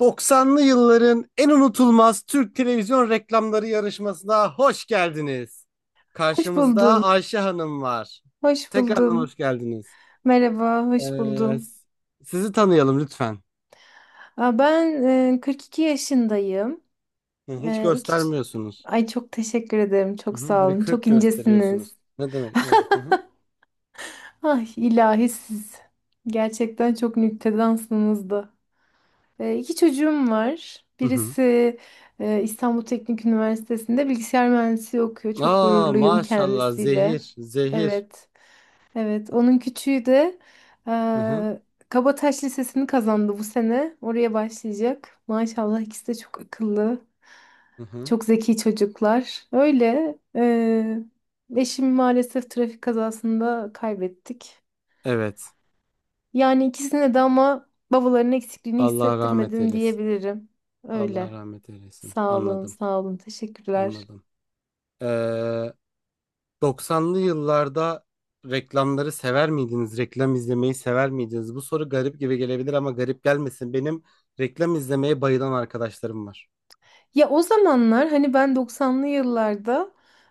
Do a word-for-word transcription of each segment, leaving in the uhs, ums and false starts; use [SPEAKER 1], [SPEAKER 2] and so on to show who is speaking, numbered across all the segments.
[SPEAKER 1] doksanlı yılların en unutulmaz Türk televizyon reklamları yarışmasına hoş geldiniz.
[SPEAKER 2] Hoş
[SPEAKER 1] Karşımızda
[SPEAKER 2] buldum.
[SPEAKER 1] Ayşe Hanım var.
[SPEAKER 2] Hoş
[SPEAKER 1] Tekrardan
[SPEAKER 2] buldum.
[SPEAKER 1] hoş geldiniz.
[SPEAKER 2] Merhaba, hoş
[SPEAKER 1] Ee,
[SPEAKER 2] buldum.
[SPEAKER 1] s- sizi tanıyalım lütfen.
[SPEAKER 2] Aa, ben e, kırk iki yaşındayım.
[SPEAKER 1] Hı, Hiç
[SPEAKER 2] E, iki ç-
[SPEAKER 1] göstermiyorsunuz.
[SPEAKER 2] Ay çok teşekkür ederim.
[SPEAKER 1] Hı
[SPEAKER 2] Çok sağ
[SPEAKER 1] hı, bir
[SPEAKER 2] olun. Çok
[SPEAKER 1] kırk
[SPEAKER 2] incesiniz.
[SPEAKER 1] gösteriyorsunuz. Ne demek? Ne demek? Hı hı.
[SPEAKER 2] Ay ilahi siz. Gerçekten çok nüktedansınız da. E, iki çocuğum var.
[SPEAKER 1] Hı hı.
[SPEAKER 2] Birisi e, İstanbul Teknik Üniversitesi'nde bilgisayar mühendisliği okuyor. Çok
[SPEAKER 1] Aa,
[SPEAKER 2] gururluyum
[SPEAKER 1] maşallah,
[SPEAKER 2] kendisiyle.
[SPEAKER 1] zehir zehir.
[SPEAKER 2] Evet. Evet, onun küçüğü de
[SPEAKER 1] Hı hı.
[SPEAKER 2] eee Kabataş Lisesi'ni kazandı bu sene. Oraya başlayacak. Maşallah ikisi de çok akıllı,
[SPEAKER 1] Hı hı.
[SPEAKER 2] çok zeki çocuklar. Öyle. Eee eşimi maalesef trafik kazasında kaybettik.
[SPEAKER 1] Evet.
[SPEAKER 2] Yani ikisine de ama babaların eksikliğini
[SPEAKER 1] Allah rahmet
[SPEAKER 2] hissettirmedim
[SPEAKER 1] eylesin.
[SPEAKER 2] diyebilirim.
[SPEAKER 1] Allah
[SPEAKER 2] Öyle.
[SPEAKER 1] rahmet eylesin.
[SPEAKER 2] Sağ olun,
[SPEAKER 1] Anladım.
[SPEAKER 2] sağ olun. Teşekkürler.
[SPEAKER 1] Anladım. Ee, doksanlı yıllarda reklamları sever miydiniz? Reklam izlemeyi sever miydiniz? Bu soru garip gibi gelebilir ama garip gelmesin. Benim reklam izlemeye bayılan arkadaşlarım var.
[SPEAKER 2] Ya o zamanlar hani ben doksanlı yıllarda,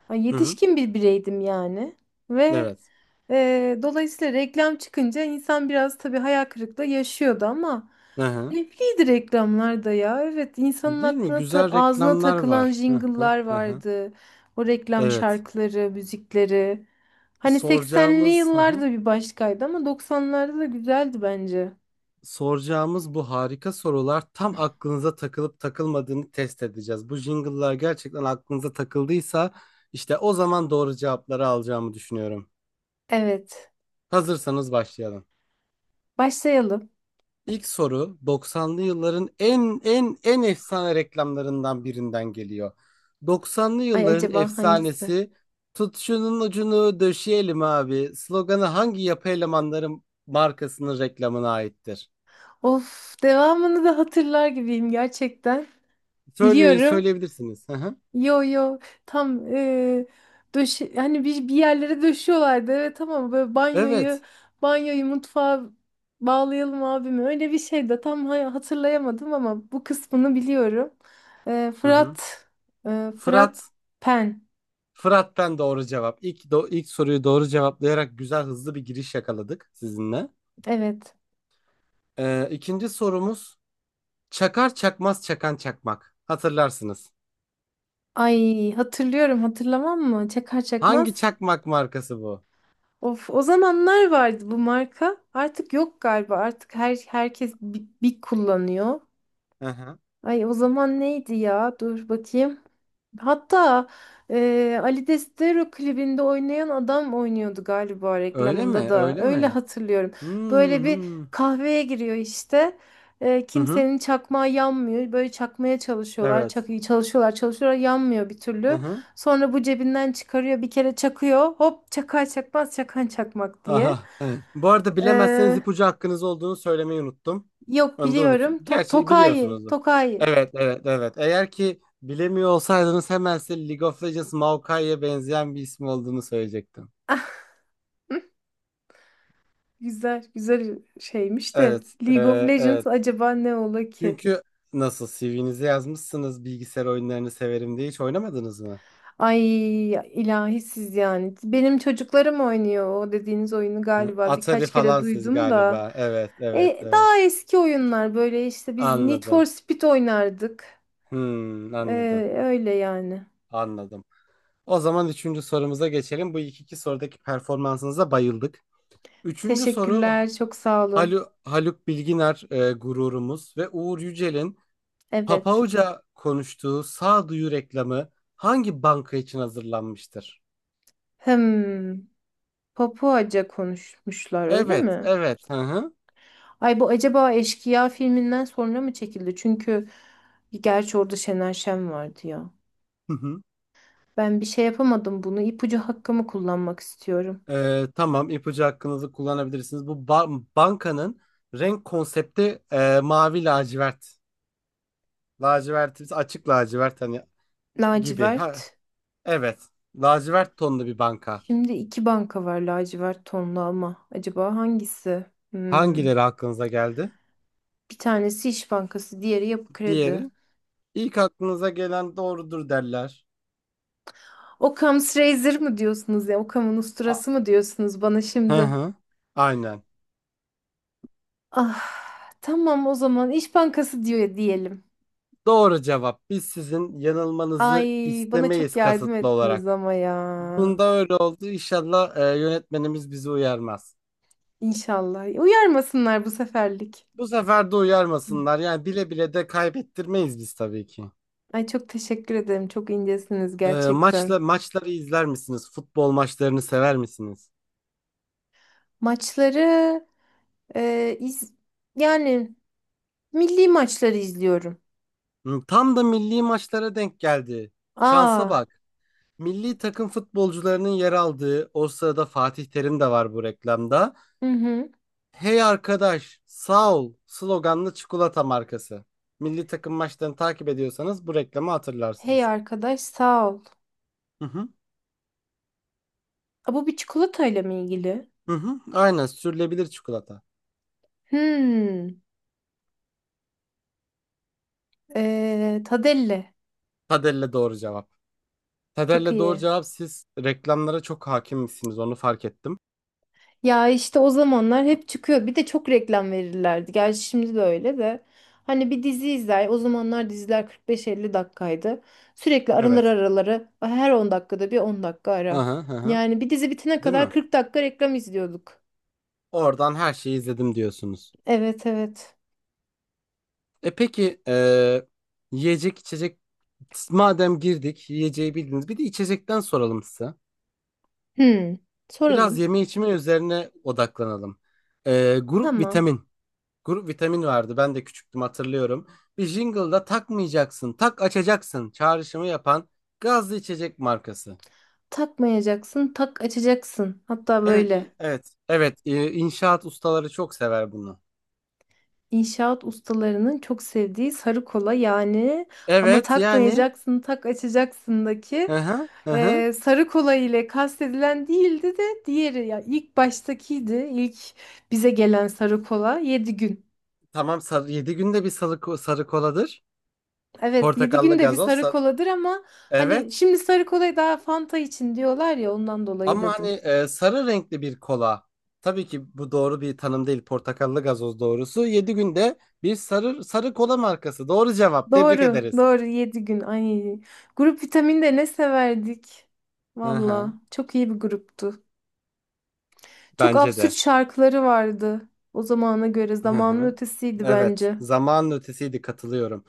[SPEAKER 2] ay,
[SPEAKER 1] Hı hı.
[SPEAKER 2] yetişkin bir bireydim yani. Ve
[SPEAKER 1] Evet.
[SPEAKER 2] Ee, dolayısıyla reklam çıkınca insan biraz tabii hayal kırıklığı yaşıyordu ama
[SPEAKER 1] Hı hı.
[SPEAKER 2] keyifliydi reklamlar da ya. Evet, insanın
[SPEAKER 1] Değil mi?
[SPEAKER 2] aklına ta-
[SPEAKER 1] Güzel
[SPEAKER 2] ağzına
[SPEAKER 1] reklamlar
[SPEAKER 2] takılan
[SPEAKER 1] var. Hı hı
[SPEAKER 2] jingle'lar
[SPEAKER 1] hı hı.
[SPEAKER 2] vardı. O reklam
[SPEAKER 1] Evet.
[SPEAKER 2] şarkıları, müzikleri. Hani seksenli
[SPEAKER 1] Soracağımız hı hı.
[SPEAKER 2] yıllarda bir başkaydı ama doksanlarda da güzeldi bence.
[SPEAKER 1] Soracağımız bu harika sorular tam aklınıza takılıp takılmadığını test edeceğiz. Bu jingle'lar gerçekten aklınıza takıldıysa işte o zaman doğru cevapları alacağımı düşünüyorum.
[SPEAKER 2] Evet.
[SPEAKER 1] Hazırsanız başlayalım.
[SPEAKER 2] Başlayalım.
[SPEAKER 1] İlk soru doksanlı yılların en en en efsane reklamlarından birinden geliyor. Doksanlı
[SPEAKER 2] Ay,
[SPEAKER 1] yılların
[SPEAKER 2] acaba hangisi?
[SPEAKER 1] efsanesi "Tut şunun ucunu döşeyelim abi" sloganı hangi yapı elemanları markasının reklamına aittir?
[SPEAKER 2] Of, devamını da hatırlar gibiyim gerçekten.
[SPEAKER 1] Söyleyin,
[SPEAKER 2] Biliyorum.
[SPEAKER 1] söyleyebilirsiniz. Hı hı.
[SPEAKER 2] Yo yo, tam eee döşe hani bir, bir yerlere döşüyorlardı evet, ama böyle banyoyu
[SPEAKER 1] Evet.
[SPEAKER 2] banyoyu mutfağa bağlayalım abime öyle bir şey de tam ha- hatırlayamadım ama bu kısmını biliyorum. Eee,
[SPEAKER 1] Hı hı.
[SPEAKER 2] Fırat eee, Fırat
[SPEAKER 1] Fırat.
[SPEAKER 2] Pen.
[SPEAKER 1] Fırat'tan doğru cevap. İlk, do- ilk soruyu doğru cevaplayarak güzel, hızlı bir giriş yakaladık sizinle.
[SPEAKER 2] Evet,
[SPEAKER 1] Ee, ikinci sorumuz, "Çakar çakmaz çakan çakmak." Hatırlarsınız.
[SPEAKER 2] ay, hatırlıyorum, hatırlamam mı çakar
[SPEAKER 1] Hangi
[SPEAKER 2] çakmaz.
[SPEAKER 1] çakmak markası bu?
[SPEAKER 2] Of, o zamanlar vardı bu marka, artık yok galiba, artık her herkes bir, bir kullanıyor.
[SPEAKER 1] Hı hı.
[SPEAKER 2] Ay, o zaman neydi ya? Dur bakayım. Hatta eee Ali Destero klibinde oynayan adam oynuyordu galiba
[SPEAKER 1] Öyle mi?
[SPEAKER 2] reklamında da.
[SPEAKER 1] Öyle
[SPEAKER 2] Öyle
[SPEAKER 1] mi?
[SPEAKER 2] hatırlıyorum. Böyle
[SPEAKER 1] Hmm. Hı
[SPEAKER 2] bir
[SPEAKER 1] hı.
[SPEAKER 2] kahveye giriyor işte. Eee,
[SPEAKER 1] Hı hı.
[SPEAKER 2] kimsenin çakmağı yanmıyor. Böyle çakmaya çalışıyorlar.
[SPEAKER 1] Evet.
[SPEAKER 2] Çak çalışıyorlar, çalışıyorlar. Yanmıyor bir
[SPEAKER 1] Hı
[SPEAKER 2] türlü.
[SPEAKER 1] hı.
[SPEAKER 2] Sonra bu cebinden çıkarıyor. Bir kere çakıyor. Hop, çakar çakmaz çakan çakmak diye.
[SPEAKER 1] Aha. Bu arada bilemezseniz
[SPEAKER 2] Eee,
[SPEAKER 1] ipucu hakkınız olduğunu söylemeyi unuttum.
[SPEAKER 2] Yok,
[SPEAKER 1] Onu da unuttum.
[SPEAKER 2] biliyorum. To
[SPEAKER 1] Gerçi
[SPEAKER 2] Tokayi.
[SPEAKER 1] biliyorsunuzdur.
[SPEAKER 2] Tokayi.
[SPEAKER 1] Evet, evet, evet. Eğer ki bilemiyor olsaydınız hemen size League of Legends Maokai'ye benzeyen bir ismi olduğunu söyleyecektim.
[SPEAKER 2] Güzel, güzel şeymiş de
[SPEAKER 1] Evet. e,
[SPEAKER 2] League of Legends
[SPEAKER 1] evet.
[SPEAKER 2] acaba ne ola ki?
[SPEAKER 1] Çünkü nasıl C V'nize yazmışsınız bilgisayar oyunlarını severim diye hiç oynamadınız mı?
[SPEAKER 2] Ay ilahi siz yani. Benim çocuklarım oynuyor o dediğiniz oyunu,
[SPEAKER 1] Hı,
[SPEAKER 2] galiba
[SPEAKER 1] Atari
[SPEAKER 2] birkaç kere
[SPEAKER 1] falan siz
[SPEAKER 2] duydum da.
[SPEAKER 1] galiba. Evet, evet,
[SPEAKER 2] E,
[SPEAKER 1] evet.
[SPEAKER 2] daha eski oyunlar, böyle işte biz Need for
[SPEAKER 1] Anladım.
[SPEAKER 2] Speed oynardık.
[SPEAKER 1] Hmm,
[SPEAKER 2] E,
[SPEAKER 1] anladım.
[SPEAKER 2] Öyle yani.
[SPEAKER 1] Anladım. O zaman üçüncü sorumuza geçelim. Bu ilk iki sorudaki performansınıza bayıldık. Üçüncü soru:
[SPEAKER 2] Teşekkürler, çok sağ olun.
[SPEAKER 1] Halu, Haluk Bilginer, e, gururumuz, ve Uğur Yücel'in
[SPEAKER 2] Evet.
[SPEAKER 1] Papauca konuştuğu sağduyu reklamı hangi banka için hazırlanmıştır?
[SPEAKER 2] Hmm, Papuaca konuşmuşlar öyle
[SPEAKER 1] Evet,
[SPEAKER 2] mi?
[SPEAKER 1] evet. Hı hı.
[SPEAKER 2] Ay, bu acaba Eşkıya filminden sonra mı çekildi? Çünkü gerçi orada Şener Şen vardı ya. Ben bir şey yapamadım bunu. İpucu hakkımı kullanmak istiyorum.
[SPEAKER 1] Ee, tamam, ipucu hakkınızı kullanabilirsiniz. Bu ba- bankanın renk konsepti e, mavi, lacivert. Lacivert, açık lacivert hani gibi. Ha,
[SPEAKER 2] Lacivert.
[SPEAKER 1] evet. Lacivert tonlu bir banka.
[SPEAKER 2] Şimdi iki banka var lacivert tonlu ama. Acaba hangisi? Hmm.
[SPEAKER 1] Hangileri aklınıza geldi?
[SPEAKER 2] Bir tanesi İş Bankası, diğeri Yapı Kredi.
[SPEAKER 1] Diğeri. İlk aklınıza gelen doğrudur derler.
[SPEAKER 2] Occam's Razor mı diyorsunuz ya? Occam'ın
[SPEAKER 1] A-
[SPEAKER 2] usturası mı diyorsunuz bana
[SPEAKER 1] Hı
[SPEAKER 2] şimdi?
[SPEAKER 1] hı. Aynen.
[SPEAKER 2] Ah, tamam, o zaman İş Bankası diyor diyelim.
[SPEAKER 1] Doğru cevap. Biz sizin
[SPEAKER 2] Ay,
[SPEAKER 1] yanılmanızı
[SPEAKER 2] bana çok
[SPEAKER 1] istemeyiz
[SPEAKER 2] yardım
[SPEAKER 1] kasıtlı
[SPEAKER 2] ettiniz
[SPEAKER 1] olarak.
[SPEAKER 2] ama ya.
[SPEAKER 1] Bunda öyle oldu. İnşallah e, yönetmenimiz bizi uyarmaz.
[SPEAKER 2] İnşallah. Uyarmasınlar bu seferlik.
[SPEAKER 1] Bu sefer de
[SPEAKER 2] Hı.
[SPEAKER 1] uyarmasınlar. Yani bile bile de kaybettirmeyiz biz tabii ki.
[SPEAKER 2] Ay çok teşekkür ederim. Çok incesiniz
[SPEAKER 1] Ee, maçla
[SPEAKER 2] gerçekten.
[SPEAKER 1] maçları izler misiniz? Futbol maçlarını sever misiniz?
[SPEAKER 2] Maçları, e, iz, yani milli maçları izliyorum.
[SPEAKER 1] Hı, Tam da milli maçlara denk geldi. Şansa
[SPEAKER 2] Aa,
[SPEAKER 1] bak. Milli takım futbolcularının yer aldığı, o sırada Fatih Terim de var bu reklamda.
[SPEAKER 2] hı hı.
[SPEAKER 1] "Hey arkadaş, sağ ol" sloganlı çikolata markası. Milli takım maçlarını takip ediyorsanız bu reklamı
[SPEAKER 2] Hey
[SPEAKER 1] hatırlarsınız.
[SPEAKER 2] arkadaş, sağ ol.
[SPEAKER 1] Hı hı.
[SPEAKER 2] Aa, bu bir çikolatayla mı ilgili?
[SPEAKER 1] Hı hı. Aynen, sürülebilir çikolata.
[SPEAKER 2] Hmm. E, Tadelle.
[SPEAKER 1] Tadelle doğru cevap.
[SPEAKER 2] Çok
[SPEAKER 1] Tadelle doğru
[SPEAKER 2] iyi.
[SPEAKER 1] cevap, siz reklamlara çok hakim misiniz onu fark ettim.
[SPEAKER 2] Ya işte o zamanlar hep çıkıyor. Bir de çok reklam verirlerdi. Gerçi şimdi de öyle de. Hani bir dizi izler. O zamanlar diziler kırk beş elli dakikaydı. Sürekli araları
[SPEAKER 1] Evet.
[SPEAKER 2] araları "Ah, her on dakikada bir on dakika
[SPEAKER 1] Hı
[SPEAKER 2] ara."
[SPEAKER 1] hı hı hı.
[SPEAKER 2] Yani bir dizi bitene
[SPEAKER 1] Değil
[SPEAKER 2] kadar
[SPEAKER 1] mi?
[SPEAKER 2] kırk dakika reklam izliyorduk.
[SPEAKER 1] Oradan her şeyi izledim diyorsunuz.
[SPEAKER 2] Evet evet.
[SPEAKER 1] E peki, e, yiyecek içecek, madem girdik yiyeceği bildiniz, bir de içecekten soralım size.
[SPEAKER 2] Hmm.
[SPEAKER 1] Biraz
[SPEAKER 2] Soralım.
[SPEAKER 1] yeme içme üzerine odaklanalım. E, grup
[SPEAKER 2] Tamam.
[SPEAKER 1] vitamin. Grup vitamin vardı, ben de küçüktüm, hatırlıyorum. Bir jingle'da "takmayacaksın, tak açacaksın" çağrışımı yapan gazlı içecek markası.
[SPEAKER 2] Takmayacaksın, tak açacaksın. Hatta
[SPEAKER 1] Evet,
[SPEAKER 2] böyle.
[SPEAKER 1] i- evet, evet. e, İnşaat ustaları çok sever bunu.
[SPEAKER 2] İnşaat ustalarının çok sevdiği sarı kola yani, ama
[SPEAKER 1] Evet, yani.
[SPEAKER 2] takmayacaksın tak
[SPEAKER 1] Hı
[SPEAKER 2] açacaksındaki
[SPEAKER 1] hı, hı hı.
[SPEAKER 2] e, sarı kola ile kastedilen değildi de, diğeri, ya, ilk baştakiydi, ilk bize gelen sarı kola yedi gün.
[SPEAKER 1] Tamam, sarı, yedi günde bir sarı, ko- sarı koladır.
[SPEAKER 2] Evet, yedi gün
[SPEAKER 1] Portakallı
[SPEAKER 2] de bir
[SPEAKER 1] gazoz.
[SPEAKER 2] sarı
[SPEAKER 1] sa-
[SPEAKER 2] koladır ama
[SPEAKER 1] Evet.
[SPEAKER 2] hani şimdi sarı kolayı daha Fanta için diyorlar ya, ondan dolayı
[SPEAKER 1] Ama hani
[SPEAKER 2] dedim.
[SPEAKER 1] e, sarı renkli bir kola. Tabii ki bu doğru bir tanım değil. Portakallı gazoz doğrusu. Yedi günde bir sarı sarı kola markası. Doğru cevap. Tebrik
[SPEAKER 2] Doğru
[SPEAKER 1] ederiz.
[SPEAKER 2] doğru, yedi gün, ay, grup vitaminde ne severdik.
[SPEAKER 1] Hı
[SPEAKER 2] Valla
[SPEAKER 1] hı.
[SPEAKER 2] çok iyi bir gruptu. Çok
[SPEAKER 1] Bence
[SPEAKER 2] absürt
[SPEAKER 1] de.
[SPEAKER 2] şarkıları vardı. O zamana göre
[SPEAKER 1] Hı
[SPEAKER 2] zamanın
[SPEAKER 1] hı.
[SPEAKER 2] ötesiydi
[SPEAKER 1] Evet.
[SPEAKER 2] bence.
[SPEAKER 1] Zamanın ötesiydi. Katılıyorum.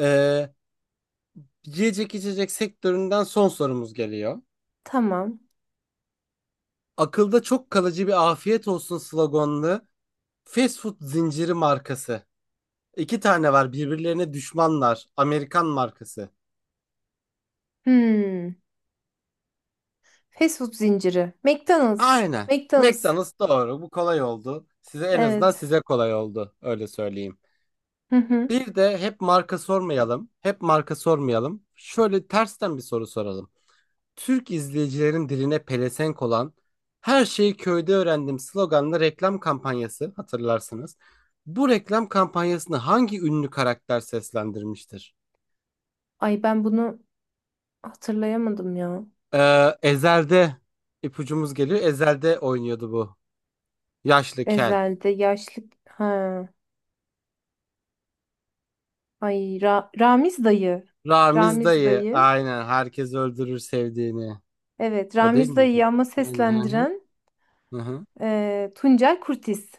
[SPEAKER 1] Ee, yiyecek içecek sektöründen son sorumuz geliyor.
[SPEAKER 2] Tamam.
[SPEAKER 1] Akılda çok kalıcı, bir "afiyet olsun" sloganlı fast food zinciri markası. İki tane var, birbirlerine düşmanlar. Amerikan markası.
[SPEAKER 2] Hmm. Fast food zinciri. McDonald's.
[SPEAKER 1] Aynen.
[SPEAKER 2] McDonald's.
[SPEAKER 1] McDonald's doğru. Bu kolay oldu. Size, en azından
[SPEAKER 2] Evet.
[SPEAKER 1] size, kolay oldu. Öyle söyleyeyim.
[SPEAKER 2] Hı hı.
[SPEAKER 1] Bir de hep marka sormayalım. Hep marka sormayalım. Şöyle tersten bir soru soralım. Türk izleyicilerin diline pelesenk olan "Her şeyi köyde öğrendim" sloganlı reklam kampanyası hatırlarsınız. Bu reklam kampanyasını hangi ünlü karakter seslendirmiştir?
[SPEAKER 2] Ay ben bunu hatırlayamadım ya.
[SPEAKER 1] Ee, Ezel'de ipucumuz geliyor. Ezel'de oynuyordu bu. Yaşlı, kel.
[SPEAKER 2] Ezel'de yaşlı... Ha. Ay, Ra- Ramiz dayı.
[SPEAKER 1] Ramiz
[SPEAKER 2] Ramiz
[SPEAKER 1] dayı.
[SPEAKER 2] dayı.
[SPEAKER 1] Aynen. Herkes öldürür sevdiğini.
[SPEAKER 2] Evet,
[SPEAKER 1] O değil
[SPEAKER 2] Ramiz
[SPEAKER 1] miydi?
[SPEAKER 2] dayıyı ama
[SPEAKER 1] Aynen.
[SPEAKER 2] seslendiren
[SPEAKER 1] Hı hı. Hı hı.
[SPEAKER 2] e, Tuncel Kurtiz.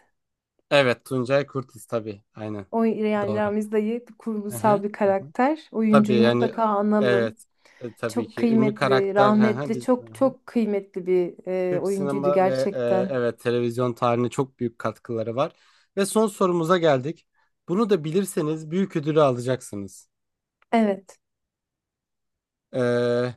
[SPEAKER 1] Evet. Tuncay Kurtiz, tabii. Aynen.
[SPEAKER 2] O, yani
[SPEAKER 1] Doğru.
[SPEAKER 2] Ramiz dayı
[SPEAKER 1] Hı hı.
[SPEAKER 2] kurgusal bir karakter.
[SPEAKER 1] Tabii,
[SPEAKER 2] Oyuncuyu
[SPEAKER 1] yani,
[SPEAKER 2] mutlaka analım.
[SPEAKER 1] evet. E, tabii
[SPEAKER 2] Çok
[SPEAKER 1] ki ünlü
[SPEAKER 2] kıymetli,
[SPEAKER 1] karakter, hı hı,
[SPEAKER 2] rahmetli,
[SPEAKER 1] biz hı
[SPEAKER 2] çok
[SPEAKER 1] hı.
[SPEAKER 2] çok kıymetli bir e,
[SPEAKER 1] Türk
[SPEAKER 2] oyuncuydu
[SPEAKER 1] sinema ve e,
[SPEAKER 2] gerçekten.
[SPEAKER 1] evet, televizyon tarihine çok büyük katkıları var. Ve son sorumuza geldik. Bunu da bilirseniz büyük ödülü alacaksınız.
[SPEAKER 2] Evet.
[SPEAKER 1] Ee,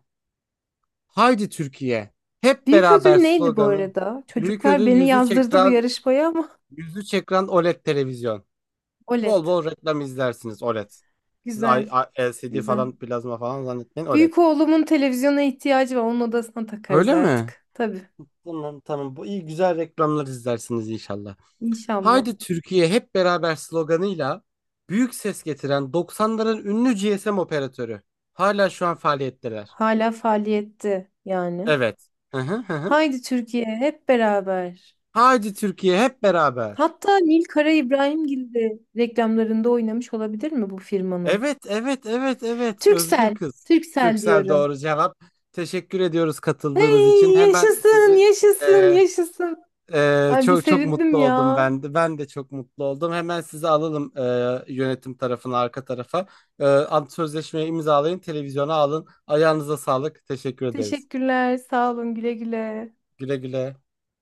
[SPEAKER 1] Haydi Türkiye. Hep
[SPEAKER 2] Büyük ödül
[SPEAKER 1] beraber
[SPEAKER 2] neydi bu
[SPEAKER 1] sloganı.
[SPEAKER 2] arada?
[SPEAKER 1] Büyük
[SPEAKER 2] Çocuklar
[SPEAKER 1] ödül,
[SPEAKER 2] beni
[SPEAKER 1] yüzü
[SPEAKER 2] yazdırdı bu
[SPEAKER 1] ekran
[SPEAKER 2] yarışmaya ama
[SPEAKER 1] yüzü ekran OLED televizyon.
[SPEAKER 2] OLED.
[SPEAKER 1] Bol bol reklam izlersiniz, OLED. Siz I-
[SPEAKER 2] Güzel,
[SPEAKER 1] I- L C D
[SPEAKER 2] güzel.
[SPEAKER 1] falan, plazma falan zannetmeyin, OLED.
[SPEAKER 2] Büyük oğlumun televizyona ihtiyacı var. Onun odasına takarız
[SPEAKER 1] Öyle mi?
[SPEAKER 2] artık. Tabii,
[SPEAKER 1] Tamam, tamam. Bu iyi, güzel reklamlar izlersiniz inşallah.
[SPEAKER 2] İnşallah.
[SPEAKER 1] Haydi Türkiye hep beraber sloganıyla büyük ses getiren doksanların ünlü G S M operatörü. Hala şu an faaliyetteler.
[SPEAKER 2] Hala faaliyette yani.
[SPEAKER 1] Evet. Hı hı hı hı.
[SPEAKER 2] Haydi Türkiye hep beraber.
[SPEAKER 1] Haydi Türkiye hep beraber.
[SPEAKER 2] Hatta Nil Kara İbrahimgil de reklamlarında oynamış olabilir mi bu firmanın?
[SPEAKER 1] Evet, evet, evet, evet, Özgür
[SPEAKER 2] Türksel,
[SPEAKER 1] kız.
[SPEAKER 2] Türksel
[SPEAKER 1] Türksel
[SPEAKER 2] diyorum.
[SPEAKER 1] doğru cevap. Teşekkür ediyoruz katıldığınız için.
[SPEAKER 2] Hey,
[SPEAKER 1] Hemen
[SPEAKER 2] yaşasın,
[SPEAKER 1] sizi,
[SPEAKER 2] yaşasın,
[SPEAKER 1] e,
[SPEAKER 2] yaşasın.
[SPEAKER 1] Ee,
[SPEAKER 2] Ay bir
[SPEAKER 1] çok çok
[SPEAKER 2] sevindim
[SPEAKER 1] mutlu oldum
[SPEAKER 2] ya.
[SPEAKER 1] ben de. Ben de çok mutlu oldum. Hemen sizi alalım e, yönetim tarafına, arka tarafa. E, ant sözleşmeyi imzalayın, televizyona alın. Ayağınıza sağlık. Teşekkür ederiz.
[SPEAKER 2] Teşekkürler, sağ olun, güle güle.
[SPEAKER 1] Güle güle.